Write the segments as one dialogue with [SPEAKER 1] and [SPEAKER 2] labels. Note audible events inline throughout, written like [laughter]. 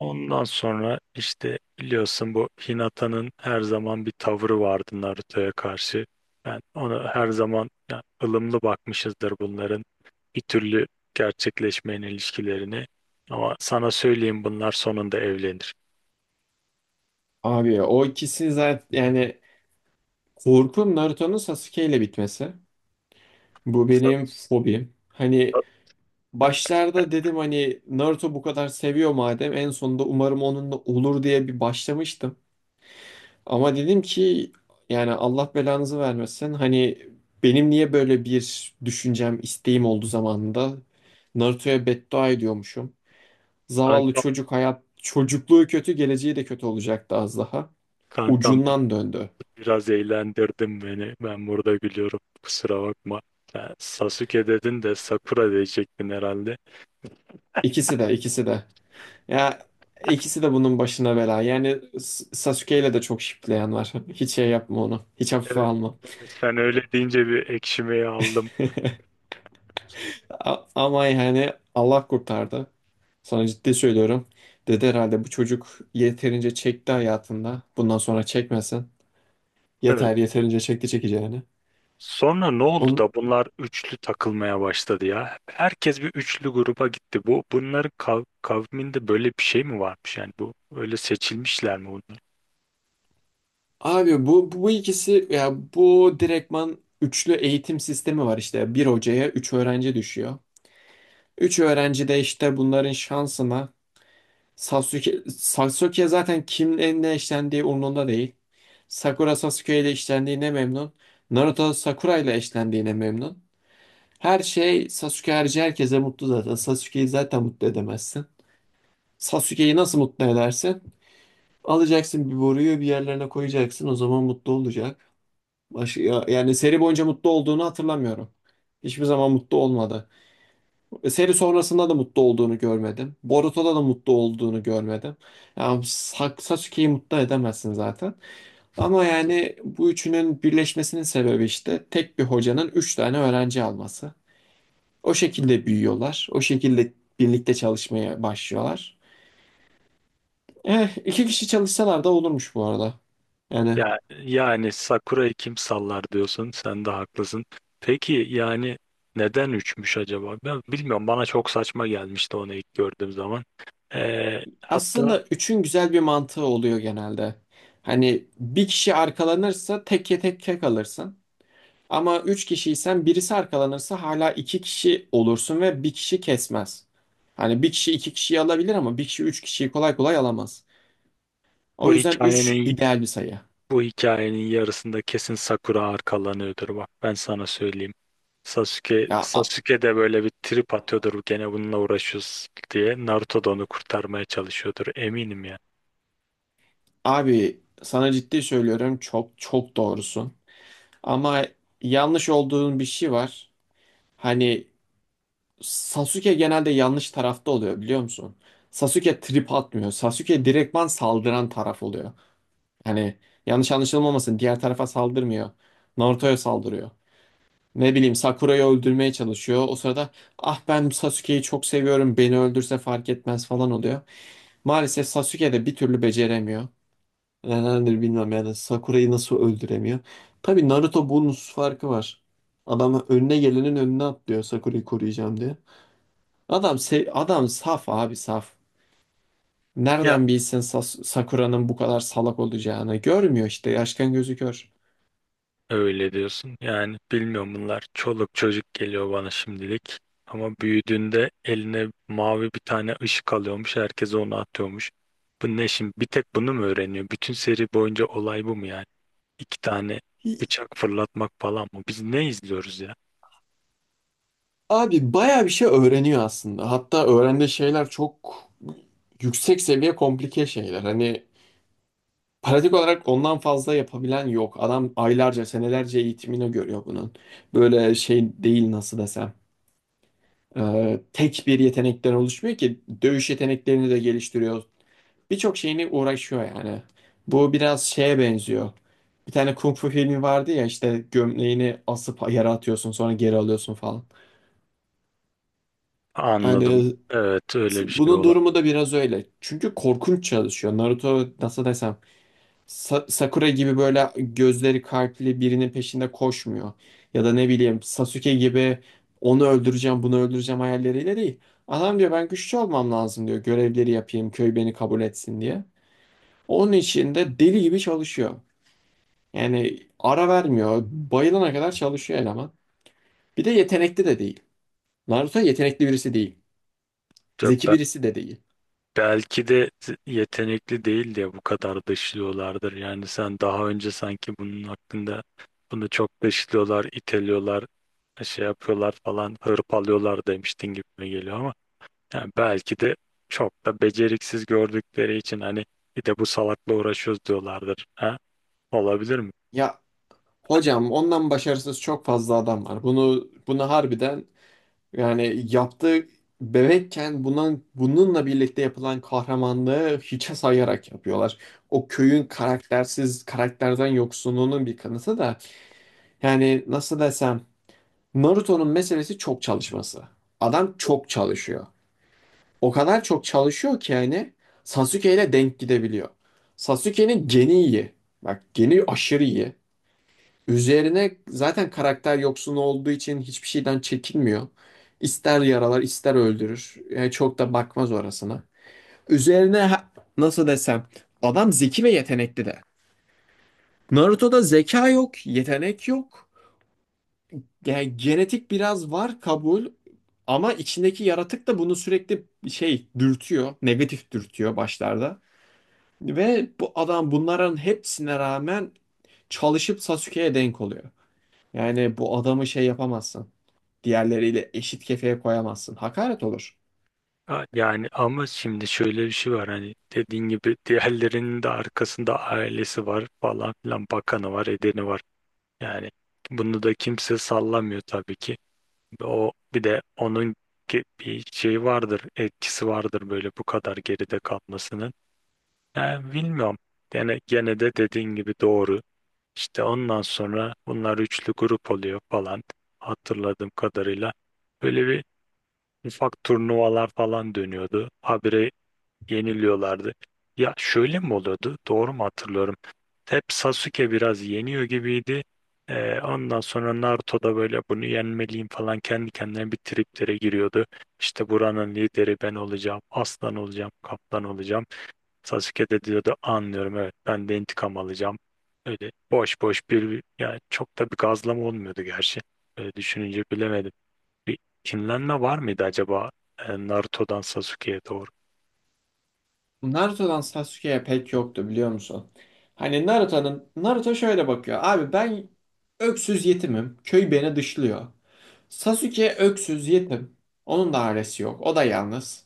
[SPEAKER 1] Ondan sonra işte biliyorsun bu Hinata'nın her zaman bir tavrı vardı Naruto'ya karşı. Ben ona her zaman yani ılımlı bakmışızdır bunların bir türlü gerçekleşmeyen ilişkilerini. Ama sana söyleyeyim bunlar sonunda evlenir.
[SPEAKER 2] Abi o ikisi zaten yani korkum Naruto'nun Sasuke ile bitmesi. Bu
[SPEAKER 1] Sa-
[SPEAKER 2] benim fobim. Hani
[SPEAKER 1] sa-
[SPEAKER 2] başlarda dedim hani Naruto bu kadar seviyor madem en sonunda umarım onunla olur diye bir başlamıştım. Ama dedim ki yani Allah belanızı vermesin. Hani benim niye böyle bir düşüncem, isteğim oldu zamanında. Naruto'ya beddua ediyormuşum. Zavallı
[SPEAKER 1] Kankam,
[SPEAKER 2] çocuk hayat, çocukluğu kötü, geleceği de kötü olacaktı az daha.
[SPEAKER 1] kankam,
[SPEAKER 2] Ucundan döndü.
[SPEAKER 1] biraz eğlendirdin beni. Ben burada gülüyorum. Kusura bakma. Sen Sasuke dedin de Sakura diyecektin herhalde.
[SPEAKER 2] İkisi de, ikisi de. Ya ikisi de bunun başına bela. Yani Sasuke ile de çok şipleyen var. [laughs] Hiç şey yapma onu. Hiç hafife
[SPEAKER 1] Evet,
[SPEAKER 2] alma.
[SPEAKER 1] evet, sen öyle deyince bir ekşimeyi aldım.
[SPEAKER 2] Ama yani Allah kurtardı. Sana ciddi söylüyorum. Dedi herhalde bu çocuk yeterince çekti hayatında. Bundan sonra çekmesin.
[SPEAKER 1] Evet.
[SPEAKER 2] Yeterince çekti çekeceğini.
[SPEAKER 1] Sonra ne oldu
[SPEAKER 2] On
[SPEAKER 1] da bunlar üçlü takılmaya başladı ya? Herkes bir üçlü gruba gitti. Bu bunların kav kavminde böyle bir şey mi varmış? Yani bu öyle seçilmişler mi bunlar?
[SPEAKER 2] abi bu ikisi ya bu direktman üçlü eğitim sistemi var işte. Bir hocaya üç öğrenci düşüyor. Üç öğrenci de işte bunların şansına Sasuke zaten kimle ne eşlendiği umurunda değil. Sakura Sasuke ile eşlendiğine memnun. Naruto Sakura ile eşlendiğine memnun. Her şey Sasuke harici herkese mutlu zaten. Sasuke'yi zaten mutlu edemezsin. Sasuke'yi nasıl mutlu edersin? Alacaksın bir boruyu bir yerlerine koyacaksın. O zaman mutlu olacak. Yani seri boyunca mutlu olduğunu hatırlamıyorum. Hiçbir zaman mutlu olmadı. Seri sonrasında da mutlu olduğunu görmedim. Boruto'da da mutlu olduğunu görmedim. Yani Sasuke'yi mutlu edemezsin zaten. Ama yani bu üçünün birleşmesinin sebebi işte tek bir hocanın üç tane öğrenci alması. O şekilde büyüyorlar. O şekilde birlikte çalışmaya başlıyorlar. İki kişi çalışsalar da olurmuş bu arada. Yani
[SPEAKER 1] Ya yani Sakura'yı kim sallar diyorsun? Sen de haklısın. Peki yani neden üçmüş acaba? Ben bilmiyorum. Bana çok saçma gelmişti onu ilk gördüğüm zaman. Hatta
[SPEAKER 2] aslında üçün güzel bir mantığı oluyor genelde. Hani bir kişi arkalanırsa tek kalırsın. Ama üç kişiysen birisi arkalanırsa hala iki kişi olursun ve bir kişi kesmez. Hani bir kişi iki kişiyi alabilir ama bir kişi üç kişiyi kolay kolay alamaz.
[SPEAKER 1] bu
[SPEAKER 2] O yüzden üç
[SPEAKER 1] hikayenin
[SPEAKER 2] ideal bir sayı.
[SPEAKER 1] bu hikayenin yarısında kesin Sakura arkalanıyordur bak ben sana söyleyeyim. Sasuke,
[SPEAKER 2] Ya a-
[SPEAKER 1] Sasuke de böyle bir trip atıyordur gene bununla uğraşıyoruz diye. Naruto da onu kurtarmaya çalışıyordur eminim ya.
[SPEAKER 2] abi sana ciddi söylüyorum çok doğrusun. Ama yanlış olduğun bir şey var. Hani Sasuke genelde yanlış tarafta oluyor biliyor musun? Sasuke trip atmıyor. Sasuke direktman saldıran taraf oluyor. Hani yanlış anlaşılmamasın diğer tarafa saldırmıyor. Naruto'ya saldırıyor. Ne bileyim Sakura'yı öldürmeye çalışıyor. O sırada ah ben Sasuke'yi çok seviyorum beni öldürse fark etmez falan oluyor. Maalesef Sasuke de bir türlü beceremiyor. Nedendir bilmem yani Sakura'yı nasıl öldüremiyor. Tabii Naruto bunun farkı var. Adam önüne gelenin önüne atlıyor Sakura'yı koruyacağım diye. Adam saf abi saf.
[SPEAKER 1] Ya
[SPEAKER 2] Nereden bilsin Sakura'nın bu kadar salak olacağını? Görmüyor işte yaşkan gözü kör.
[SPEAKER 1] öyle diyorsun yani bilmiyorum bunlar çoluk çocuk geliyor bana şimdilik. Ama büyüdüğünde eline mavi bir tane ışık alıyormuş herkes onu atıyormuş. Bu ne şimdi bir tek bunu mu öğreniyor? Bütün seri boyunca olay bu mu yani? İki tane bıçak fırlatmak falan mı? Biz ne izliyoruz ya?
[SPEAKER 2] Abi bayağı bir şey öğreniyor aslında. Hatta öğrendiği şeyler çok yüksek seviye komplike şeyler. Hani pratik olarak ondan fazla yapabilen yok. Adam aylarca, senelerce eğitimini görüyor bunun. Böyle şey değil nasıl desem. Tek bir yetenekten oluşmuyor ki. Dövüş yeteneklerini de geliştiriyor. Birçok şeyini uğraşıyor yani. Bu biraz şeye benziyor. Bir tane kung fu filmi vardı ya işte gömleğini asıp yere atıyorsun sonra geri alıyorsun falan.
[SPEAKER 1] Anladım.
[SPEAKER 2] Hani
[SPEAKER 1] Evet öyle bir şey
[SPEAKER 2] Bunun
[SPEAKER 1] olabilir.
[SPEAKER 2] durumu da biraz öyle. Çünkü korkunç çalışıyor. Naruto nasıl desem Sakura gibi böyle gözleri kalpli birinin peşinde koşmuyor. Ya da ne bileyim Sasuke gibi onu öldüreceğim bunu öldüreceğim hayalleriyle değil. Adam diyor ben güçlü olmam lazım diyor. Görevleri yapayım köy beni kabul etsin diye. Onun için de deli gibi çalışıyor. Yani ara vermiyor. Bayılana kadar çalışıyor eleman. Bir de yetenekli de değil. Naruto yetenekli birisi değil. Zeki
[SPEAKER 1] Ben
[SPEAKER 2] birisi de değil.
[SPEAKER 1] belki de yetenekli değil diye bu kadar dışlıyorlardır. Yani sen daha önce sanki bunun hakkında bunu çok dışlıyorlar, iteliyorlar, şey yapıyorlar falan, hırpalıyorlar demiştin gibi geliyor ama yani belki de çok da beceriksiz gördükleri için hani bir de bu salakla uğraşıyoruz diyorlardır. Ha? Olabilir mi?
[SPEAKER 2] Ya hocam ondan başarısız çok fazla adam var. Bunu harbiden yani yaptığı bebekken bunun, bununla birlikte yapılan kahramanlığı hiçe sayarak yapıyorlar. O köyün karaktersiz, karakterden yoksunluğunun bir kanıtı da yani nasıl desem Naruto'nun meselesi çok çalışması. Adam çok çalışıyor. O kadar çok çalışıyor ki yani Sasuke ile denk gidebiliyor. Sasuke'nin geni iyi. Bak geni aşırı iyi. Üzerine zaten karakter yoksun olduğu için hiçbir şeyden çekinmiyor. İster yaralar, ister öldürür. Yani çok da bakmaz orasına. Üzerine ha- nasıl desem adam zeki ve yetenekli de. Naruto'da zeka yok, yetenek yok. Yani genetik biraz var kabul ama içindeki yaratık da bunu sürekli dürtüyor, negatif dürtüyor başlarda. Ve bu adam bunların hepsine rağmen çalışıp Sasuke'ye denk oluyor. Yani bu adamı şey yapamazsın. Diğerleriyle eşit kefeye koyamazsın. Hakaret olur.
[SPEAKER 1] Ha, yani ama şimdi şöyle bir şey var hani dediğin gibi diğerlerinin de arkasında ailesi var falan filan bakanı var edeni var. Yani bunu da kimse sallamıyor tabii ki. O bir de onun bir şeyi vardır etkisi vardır böyle bu kadar geride kalmasının. Yani bilmiyorum. Yani gene de dediğin gibi doğru. İşte ondan sonra bunlar üçlü grup oluyor falan hatırladığım kadarıyla. Böyle bir ufak turnuvalar falan dönüyordu. Habire yeniliyorlardı. Ya şöyle mi oluyordu? Doğru mu hatırlıyorum? Hep Sasuke biraz yeniyor gibiydi. Ondan sonra Naruto da böyle bunu yenmeliyim falan kendi kendine bir triplere giriyordu. İşte buranın lideri ben olacağım, aslan olacağım, kaptan olacağım. Sasuke de diyordu anlıyorum evet ben de intikam alacağım. Öyle boş boş bir yani çok da bir gazlama olmuyordu gerçi. Öyle düşününce bilemedim. Bir kinlenme var mıydı acaba Naruto'dan Sasuke'ye doğru?
[SPEAKER 2] Naruto'dan Sasuke'ye pek yoktu biliyor musun? Hani Naruto şöyle bakıyor. Abi ben öksüz yetimim. Köy beni dışlıyor. Sasuke öksüz yetim. Onun da ailesi yok. O da yalnız.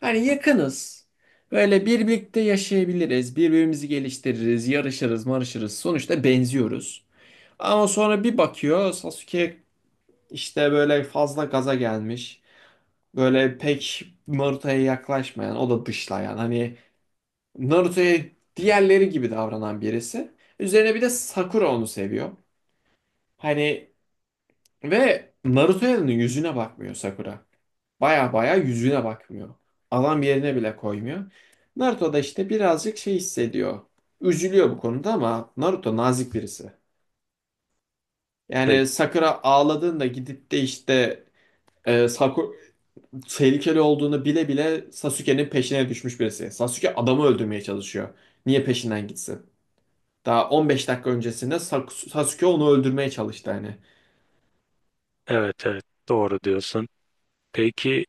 [SPEAKER 2] Hani yakınız. Böyle birlikte yaşayabiliriz. Birbirimizi geliştiririz. Yarışırız, marışırız. Sonuçta benziyoruz. Ama sonra bir bakıyor Sasuke işte böyle fazla gaza gelmiş. Böyle pek Naruto'ya yaklaşmayan, o da dışlayan. Hani Naruto'ya diğerleri gibi davranan birisi. Üzerine bir de Sakura onu seviyor. Hani ve Naruto'nun yüzüne bakmıyor Sakura. Baya baya yüzüne bakmıyor. Adam yerine bile koymuyor. Naruto da işte birazcık şey hissediyor. Üzülüyor bu konuda ama Naruto nazik birisi. Yani Sakura ağladığında gidip de işte e, Saku- tehlikeli olduğunu bile bile Sasuke'nin peşine düşmüş birisi. Sasuke adamı öldürmeye çalışıyor. Niye peşinden gitsin? Daha 15 dakika öncesinde Sasuke onu öldürmeye çalıştı hani.
[SPEAKER 1] Evet, evet, doğru diyorsun. Peki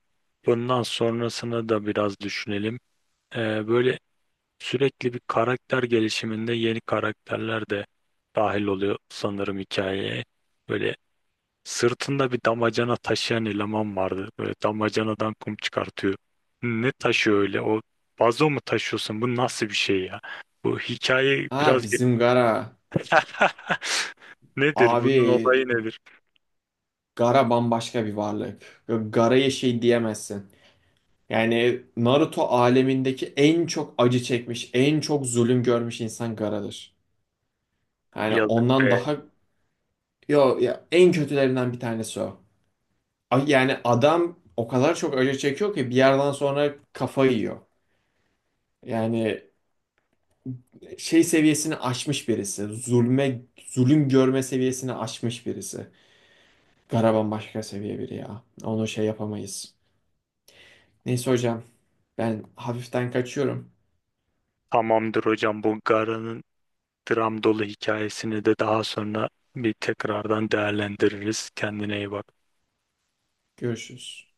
[SPEAKER 1] bundan sonrasını da biraz düşünelim. Böyle sürekli bir karakter gelişiminde yeni karakterler de dahil oluyor sanırım hikayeye. Böyle sırtında bir damacana taşıyan eleman vardı. Böyle damacanadan kum çıkartıyor. Ne taşıyor öyle? O vazo mu taşıyorsun? Bu nasıl bir şey ya? Bu hikaye
[SPEAKER 2] Ha
[SPEAKER 1] biraz...
[SPEAKER 2] bizim Gara.
[SPEAKER 1] [laughs] Nedir?
[SPEAKER 2] Abi
[SPEAKER 1] Bunun olayı nedir?
[SPEAKER 2] Gara bambaşka bir varlık. Gara'ya şey diyemezsin. Yani Naruto alemindeki en çok acı çekmiş, en çok zulüm görmüş insan Gara'dır. Yani
[SPEAKER 1] Yazık
[SPEAKER 2] ondan
[SPEAKER 1] be.
[SPEAKER 2] daha yo ya en kötülerinden bir tanesi o. Yani adam o kadar çok acı çekiyor ki bir yerden sonra kafayı yiyor. Yani şey seviyesini aşmış birisi. Zulme, zulüm görme seviyesini aşmış birisi. Garaban başka seviye biri ya. Onu şey yapamayız. Neyse hocam ben hafiften kaçıyorum.
[SPEAKER 1] Tamamdır hocam bu Gara'nın dram dolu hikayesini de daha sonra bir tekrardan değerlendiririz. Kendine iyi bak.
[SPEAKER 2] Görüşürüz.